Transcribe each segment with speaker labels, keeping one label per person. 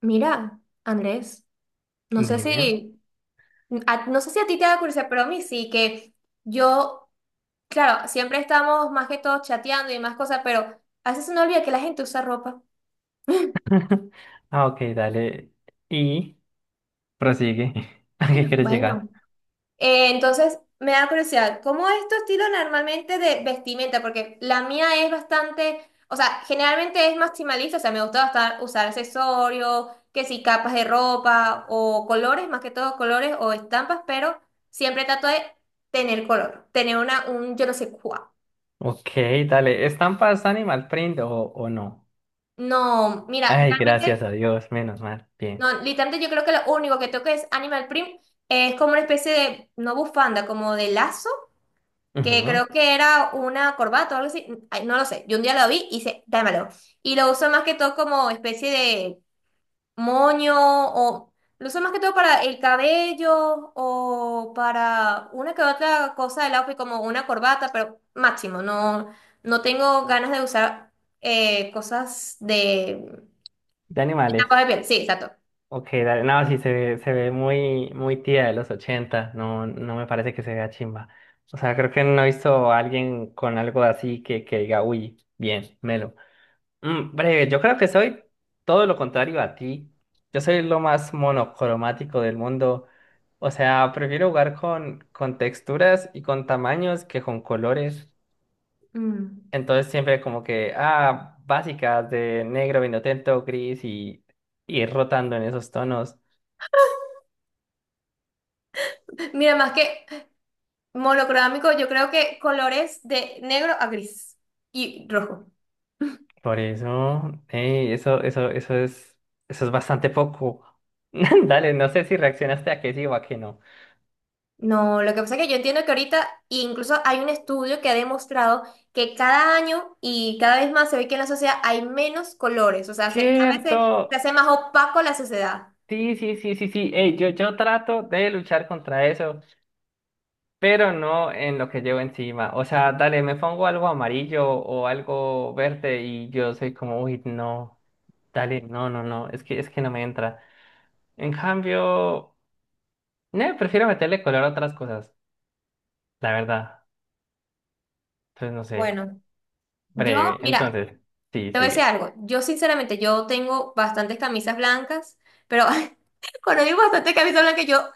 Speaker 1: Mira, Andrés, no sé
Speaker 2: Dime.
Speaker 1: si, no sé si a ti te da curiosidad, pero a mí sí, que yo, claro, siempre estamos más que todo chateando y más cosas, pero a veces se nos olvida que la gente usa ropa.
Speaker 2: Ah, ok, dale. Y prosigue. ¿A qué quieres llegar?
Speaker 1: Bueno. Entonces, me da curiosidad, ¿cómo es tu estilo normalmente de vestimenta? Porque la mía es bastante, o sea, generalmente es maximalista, o sea, me gusta usar accesorios, que si capas de ropa o colores, más que todo colores o estampas, pero siempre trato de tener color, tener una, un yo no sé cuál.
Speaker 2: Ok, dale. ¿Estampas animal print o no?
Speaker 1: No, mira,
Speaker 2: Ay, gracias
Speaker 1: realmente,
Speaker 2: a Dios, menos mal. Bien.
Speaker 1: no, literalmente yo creo que lo único que toco es Animal Print, es como una especie de, no bufanda, como de lazo que
Speaker 2: Ujú.
Speaker 1: creo que era una corbata o algo así, ay, no lo sé, yo un día lo vi y hice, dámelo. Y lo uso más que todo como especie de moño, o lo uso más que todo para el cabello o para una que otra cosa del outfit como una corbata, pero máximo, no, no tengo ganas de usar cosas de
Speaker 2: De animales.
Speaker 1: estampados de piel, sí, exacto.
Speaker 2: Ok, dale. No, sí, se ve muy, muy tía de los 80. No, no me parece que se vea chimba. O sea, creo que no he visto a alguien con algo así que diga, uy, bien, melo. Mm, breve, yo creo que soy todo lo contrario a ti. Yo soy lo más monocromático del mundo. O sea, prefiero jugar con texturas y con tamaños que con colores.
Speaker 1: Mm.
Speaker 2: Entonces siempre como que, ah, básicas de negro, vinotento, gris y ir rotando en esos tonos.
Speaker 1: Mira, más que monocromático, yo creo que colores de negro a gris y rojo.
Speaker 2: Por eso, eso es, eso es bastante poco. Dale, no sé si reaccionaste a que sí o a que no.
Speaker 1: No, lo que pasa es que yo entiendo que ahorita incluso hay un estudio que ha demostrado que cada año y cada vez más se ve que en la sociedad hay menos colores, o sea, se, cada vez se,
Speaker 2: Cierto.
Speaker 1: se hace más opaco la sociedad.
Speaker 2: Sí, sí, sí, sí, sí. Ey, yo trato de luchar contra eso, pero no en lo que llevo encima. O sea, dale, me pongo algo amarillo o algo verde y yo soy como, uy, no, dale, no, no, no, es que no me entra. En cambio, no, prefiero meterle color a otras cosas, la verdad. Entonces, no sé,
Speaker 1: Bueno, yo,
Speaker 2: breve.
Speaker 1: mira,
Speaker 2: Entonces, sí,
Speaker 1: te voy a decir
Speaker 2: sigue.
Speaker 1: algo, yo sinceramente, yo tengo bastantes camisas blancas, pero conocí bastante camisa blanca. Yo,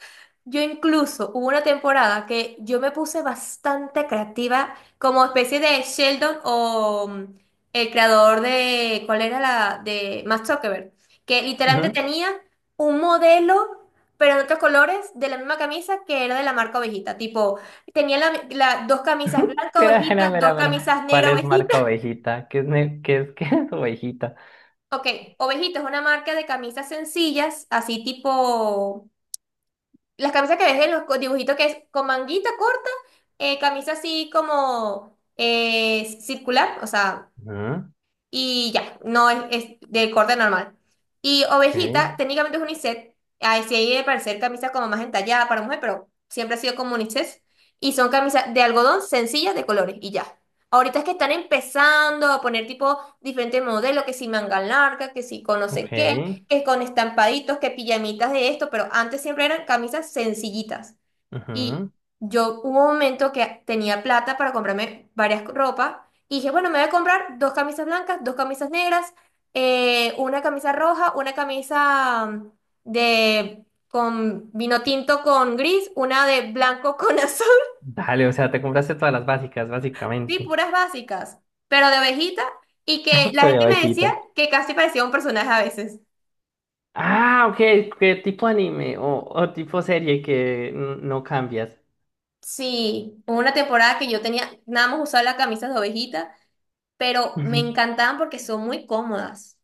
Speaker 1: yo incluso hubo una temporada que yo me puse bastante creativa, como especie de Sheldon o el creador de, ¿cuál era la? De Max Zuckerberg, que literalmente
Speaker 2: Ujú.
Speaker 1: tenía un modelo, pero en otros colores, de la misma camisa que era de la marca Ovejita. Tipo, tenía dos camisas blancas
Speaker 2: Mira, mira,
Speaker 1: Ovejita, dos
Speaker 2: mira, mira.
Speaker 1: camisas
Speaker 2: ¿Cuál
Speaker 1: negras
Speaker 2: es
Speaker 1: Ovejita.
Speaker 2: marca ovejita? ¿Qué es, qué es ovejita?
Speaker 1: Ok, Ovejita es una marca de camisas sencillas, así tipo. Las camisas que ves en los dibujitos, que es con manguita corta, camisa así como circular, o sea,
Speaker 2: Ujú.
Speaker 1: y ya, no es, es de corte normal. Y ovejita, técnicamente es unisex, ahí sí hay de parecer camisas como más entallada para mujer, pero siempre ha sido como unisex. Y son camisas de algodón sencillas de colores y ya. Ahorita es que están empezando a poner tipo diferentes modelos, que si manga larga, que si con no
Speaker 2: Ok, ok.
Speaker 1: sé qué, que con estampaditos, que pijamitas de esto, pero antes siempre eran camisas sencillitas. Y
Speaker 2: Ujú.
Speaker 1: yo hubo un momento que tenía plata para comprarme varias ropas y dije, bueno, me voy a comprar dos camisas blancas, dos camisas negras, una camisa roja, una camisa de con vino tinto con gris, una de blanco con azul,
Speaker 2: Dale, o sea, te compraste todas las básicas,
Speaker 1: sí,
Speaker 2: básicamente.
Speaker 1: puras básicas, pero de abejita, y que la
Speaker 2: Estoy
Speaker 1: gente me decía
Speaker 2: bajita.
Speaker 1: que casi parecía un personaje a veces.
Speaker 2: Ah, ok, ¿qué tipo anime o tipo serie que no cambias?
Speaker 1: Sí, hubo una temporada que yo tenía nada más usaba las camisas de ovejita, pero me
Speaker 2: Ujú.
Speaker 1: encantaban porque son muy cómodas.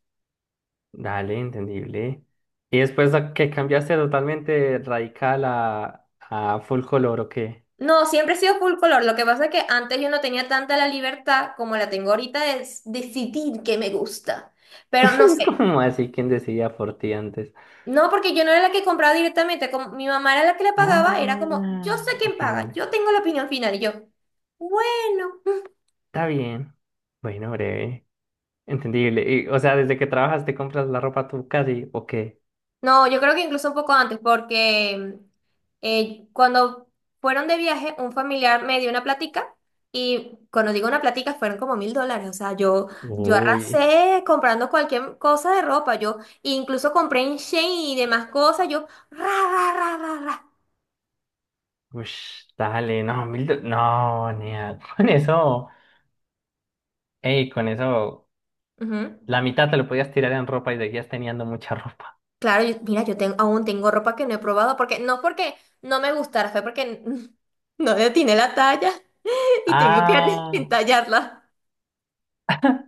Speaker 2: Dale, entendible. Y después ¿a que cambiaste totalmente radical a full color, o qué?
Speaker 1: No, siempre he sido full color. Lo que pasa es que antes yo no tenía tanta la libertad como la tengo ahorita de decidir qué me gusta. Pero no sé.
Speaker 2: ¿Cómo así? ¿Quién decidía por ti antes?
Speaker 1: No, porque yo no era la que compraba directamente. Como mi mamá era la que le pagaba, era como, yo
Speaker 2: Ah,
Speaker 1: sé quién
Speaker 2: ok,
Speaker 1: paga,
Speaker 2: dale.
Speaker 1: yo tengo la opinión final. Y yo, bueno.
Speaker 2: Está bien. Bueno, breve. Entendible. Y, o sea, desde que trabajas te compras la ropa tú casi, ¿o qué?
Speaker 1: No, yo creo que incluso un poco antes, porque cuando fueron de viaje, un familiar me dio una platica, y cuando digo una platica fueron como $1.000. O sea, yo
Speaker 2: Uy.
Speaker 1: arrasé comprando cualquier cosa de ropa. Yo incluso compré en Shein y demás cosas. Yo, ra, ra, ra, ra, ra.
Speaker 2: Ush, dale, no, mil do- No, nea, con eso, ey, con eso,
Speaker 1: Ujú.
Speaker 2: la mitad te lo podías tirar en ropa y seguías teniendo mucha ropa.
Speaker 1: Claro, mira, yo tengo, aún tengo ropa que no he probado, porque no me gustara, fue porque no le atiné la talla, y tengo que
Speaker 2: Ah,
Speaker 1: entallarla.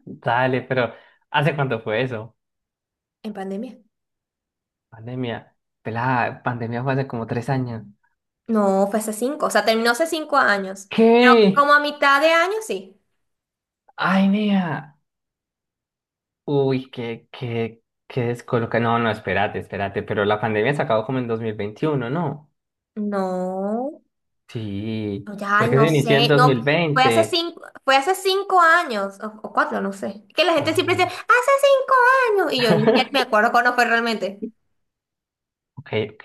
Speaker 2: dale, pero ¿hace cuánto fue eso?
Speaker 1: En pandemia.
Speaker 2: Pandemia. Pelada, pandemia fue hace como tres años.
Speaker 1: No, fue hace cinco, o sea, terminó hace 5 años, pero
Speaker 2: ¿Qué?
Speaker 1: como a mitad de año, sí.
Speaker 2: Ay, nea. Uy, qué descoloca. No, no, espérate, espérate, pero la pandemia se acabó como en 2021, ¿no?
Speaker 1: No,
Speaker 2: Sí,
Speaker 1: no, ya, ay,
Speaker 2: porque
Speaker 1: no
Speaker 2: se inició en
Speaker 1: sé, no, fue hace
Speaker 2: 2020.
Speaker 1: cinco, fue hace 5 años, o cuatro, no sé. Que la
Speaker 2: No,
Speaker 1: gente siempre
Speaker 2: no,
Speaker 1: dice,
Speaker 2: no.
Speaker 1: hace 5 años, y yo ya ni me acuerdo cuándo fue realmente.
Speaker 2: Ok, ok.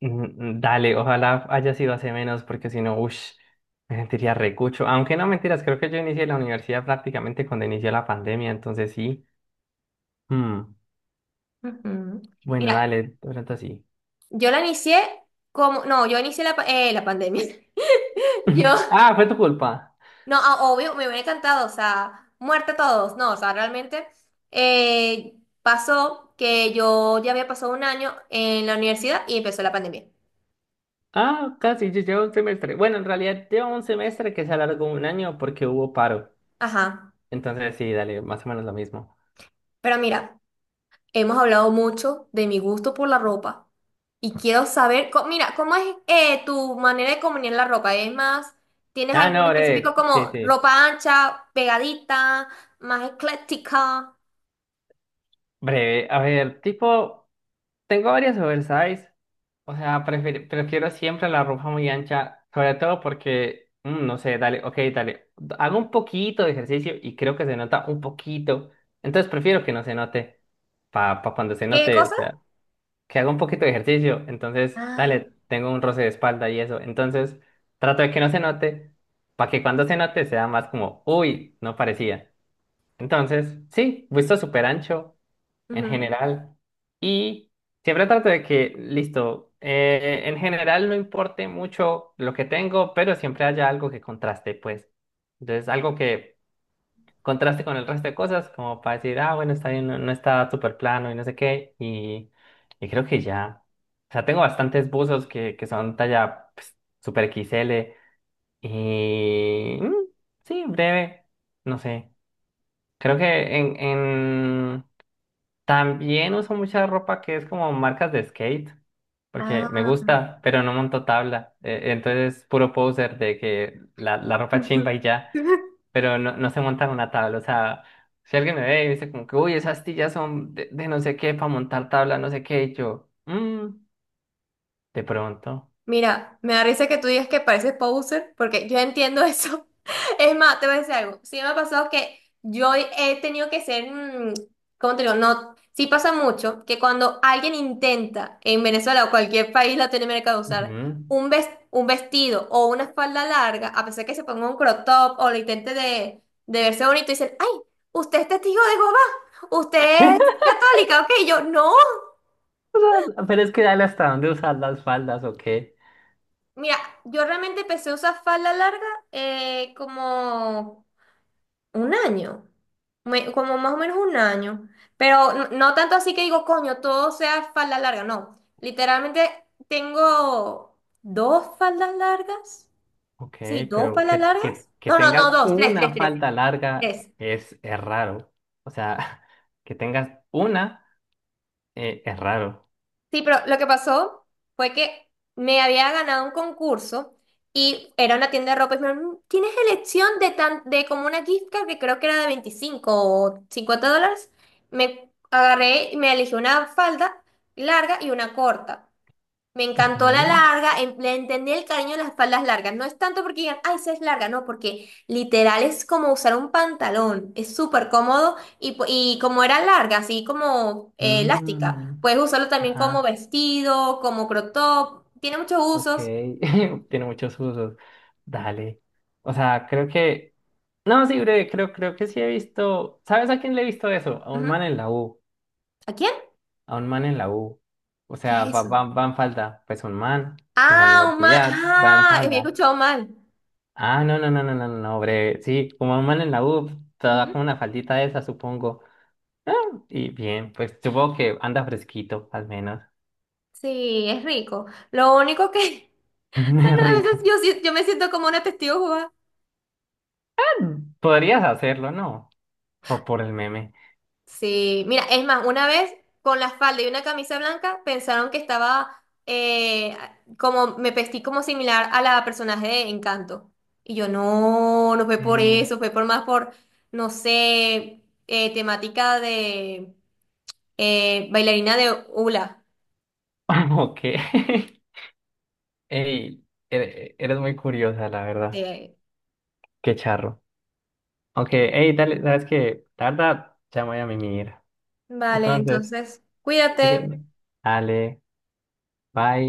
Speaker 2: Mm, Dale, ojalá haya sido hace menos, porque si no, uff, me sentiría recucho. Aunque no mentiras, creo que yo inicié la universidad prácticamente cuando inició la pandemia, entonces sí. Mm.
Speaker 1: Ujú.
Speaker 2: Bueno,
Speaker 1: Mira,
Speaker 2: dale, de pronto sí.
Speaker 1: yo la inicié como, no, yo inicié la pandemia. Yo,
Speaker 2: Ah, fue tu culpa.
Speaker 1: No, ah, obvio, me hubiera encantado, o sea, muerte todos, no, o sea, realmente eh, pasó que yo ya había pasado un año en la universidad y empezó la pandemia.
Speaker 2: Ah, casi, yo llevo un semestre. Bueno, en realidad llevo un semestre que se alargó un año porque hubo paro.
Speaker 1: Ajá,
Speaker 2: Entonces sí, dale, más o menos lo mismo.
Speaker 1: pero mira, hemos hablado mucho de mi gusto por la ropa y quiero saber, mira, ¿cómo es tu manera de combinar la ropa? ¿Es más, tienes
Speaker 2: Ah,
Speaker 1: algún
Speaker 2: no,
Speaker 1: específico
Speaker 2: breve, sí,
Speaker 1: como
Speaker 2: sí.
Speaker 1: ropa ancha, pegadita, más ecléctica?
Speaker 2: Breve, a ver, tipo. Tengo varias oversize. O sea, prefiero siempre la ropa muy ancha, sobre todo porque, mm, no sé, dale, ok, dale, hago un poquito de ejercicio y creo que se nota un poquito, entonces prefiero que no se note, para cuando se
Speaker 1: ¿Qué
Speaker 2: note, o
Speaker 1: cosa?
Speaker 2: sea, que haga un poquito de ejercicio, entonces,
Speaker 1: Ah,
Speaker 2: dale, tengo un roce de espalda y eso, entonces trato de que no se note, para que cuando se note sea más como, uy, no parecía. Entonces, sí, visto súper ancho en
Speaker 1: ujú.
Speaker 2: general. Y siempre trato de que, listo, en general no importe mucho lo que tengo, pero siempre haya algo que contraste, pues. Entonces, algo que contraste con el resto de cosas, como para decir, ah, bueno, está bien, no, no está súper plano y no sé qué. Y creo que ya. O sea, tengo bastantes buzos que son talla pues, super X L Y mm, sí, breve, no sé. Creo que en también uso mucha ropa que es como marcas de skate, porque me
Speaker 1: Ah.
Speaker 2: gusta, pero no monto tabla. Entonces, puro poser de que la ropa chimba y ya, pero no, no se monta en una tabla. O sea, si alguien me ve y me dice como que, uy, esas tillas son de no sé qué para montar tabla, no sé qué, y yo, "Mm, de pronto.
Speaker 1: Mira, me da risa que tú digas que pareces poser, porque yo entiendo eso. Es más, te voy a decir algo. Sí me ha pasado que yo he tenido que ser, ¿cómo te digo? No, sí pasa mucho que cuando alguien intenta en Venezuela o cualquier país latinoamericano usar
Speaker 2: Ujú".
Speaker 1: un vestido o una falda larga, a pesar que se ponga un crop top o lo intente de verse bonito, dicen, ay, usted es testigo de Jehová, usted es católica, ok, yo no.
Speaker 2: Pero es que dale hasta dónde usar las faldas o qué.
Speaker 1: Mira, yo realmente empecé a usar falda larga como un año, como más o menos un año, pero no, no tanto así que digo, coño, todo sea falda larga, no. Literalmente tengo dos faldas largas,
Speaker 2: Ok,
Speaker 1: sí, dos
Speaker 2: pero
Speaker 1: faldas
Speaker 2: que,
Speaker 1: largas,
Speaker 2: que, que
Speaker 1: no, no, no,
Speaker 2: tengas
Speaker 1: dos, tres, tres,
Speaker 2: una
Speaker 1: tres,
Speaker 2: falda larga
Speaker 1: tres.
Speaker 2: es raro. O sea, que tengas una es raro.
Speaker 1: Sí, pero lo que pasó fue que me había ganado un concurso y era una tienda de ropa y me dijeron, "Mm, tienes elección de, tan, de como una gift card que creo que era de $25 o $50". Me agarré y me elegí una falda larga y una corta. Me encantó la
Speaker 2: Ujú.
Speaker 1: larga, le entendí el cariño de las faldas largas. No es tanto porque digan, ay, esa es larga, no, porque literal es como usar un pantalón. Es súper cómodo, y, y como era larga, así como elástica,
Speaker 2: Mm,
Speaker 1: puedes usarlo también como
Speaker 2: ajá,
Speaker 1: vestido, como crop top. Tiene muchos
Speaker 2: ok.
Speaker 1: usos.
Speaker 2: Tiene muchos usos. Dale. O sea, creo que. No, sí, breve, creo que sí he visto. ¿Sabes a quién le he visto eso? A un
Speaker 1: Ujú.
Speaker 2: man en la U.
Speaker 1: ¿A quién?
Speaker 2: A un man en la U. O
Speaker 1: ¿Qué
Speaker 2: sea,
Speaker 1: es eso?
Speaker 2: va en falda. Pues un man en la
Speaker 1: Ah, un mal.
Speaker 2: universidad va en
Speaker 1: Ah, me he
Speaker 2: falda.
Speaker 1: escuchado mal.
Speaker 2: Ah, no, no, no, no, no, no, no, breve. Sí, como un man en la U, te da
Speaker 1: Ujú.
Speaker 2: como una faldita de esa, supongo. Ah, y bien, pues supongo que anda fresquito, al menos.
Speaker 1: Sí, es rico. Lo único que,
Speaker 2: Es
Speaker 1: bueno, a veces
Speaker 2: rico.
Speaker 1: yo, yo me siento como una testigo.
Speaker 2: Podrías hacerlo, ¿no? Por el meme.
Speaker 1: Sí, mira, es más, una vez con la falda y una camisa blanca pensaron que estaba como, me vestí como similar a la personaje de Encanto. Y yo, no, no fue por
Speaker 2: Eh,
Speaker 1: eso, fue por más por, no sé, temática de bailarina de hula.
Speaker 2: ok. Ey, eres muy curiosa, la verdad.
Speaker 1: de-
Speaker 2: Qué charro. Ok, ey, dale, sabes que, la verdad, ya me voy a mimir.
Speaker 1: Vale,
Speaker 2: Entonces,
Speaker 1: entonces,
Speaker 2: si
Speaker 1: cuídate.
Speaker 2: quieres, dale, bye.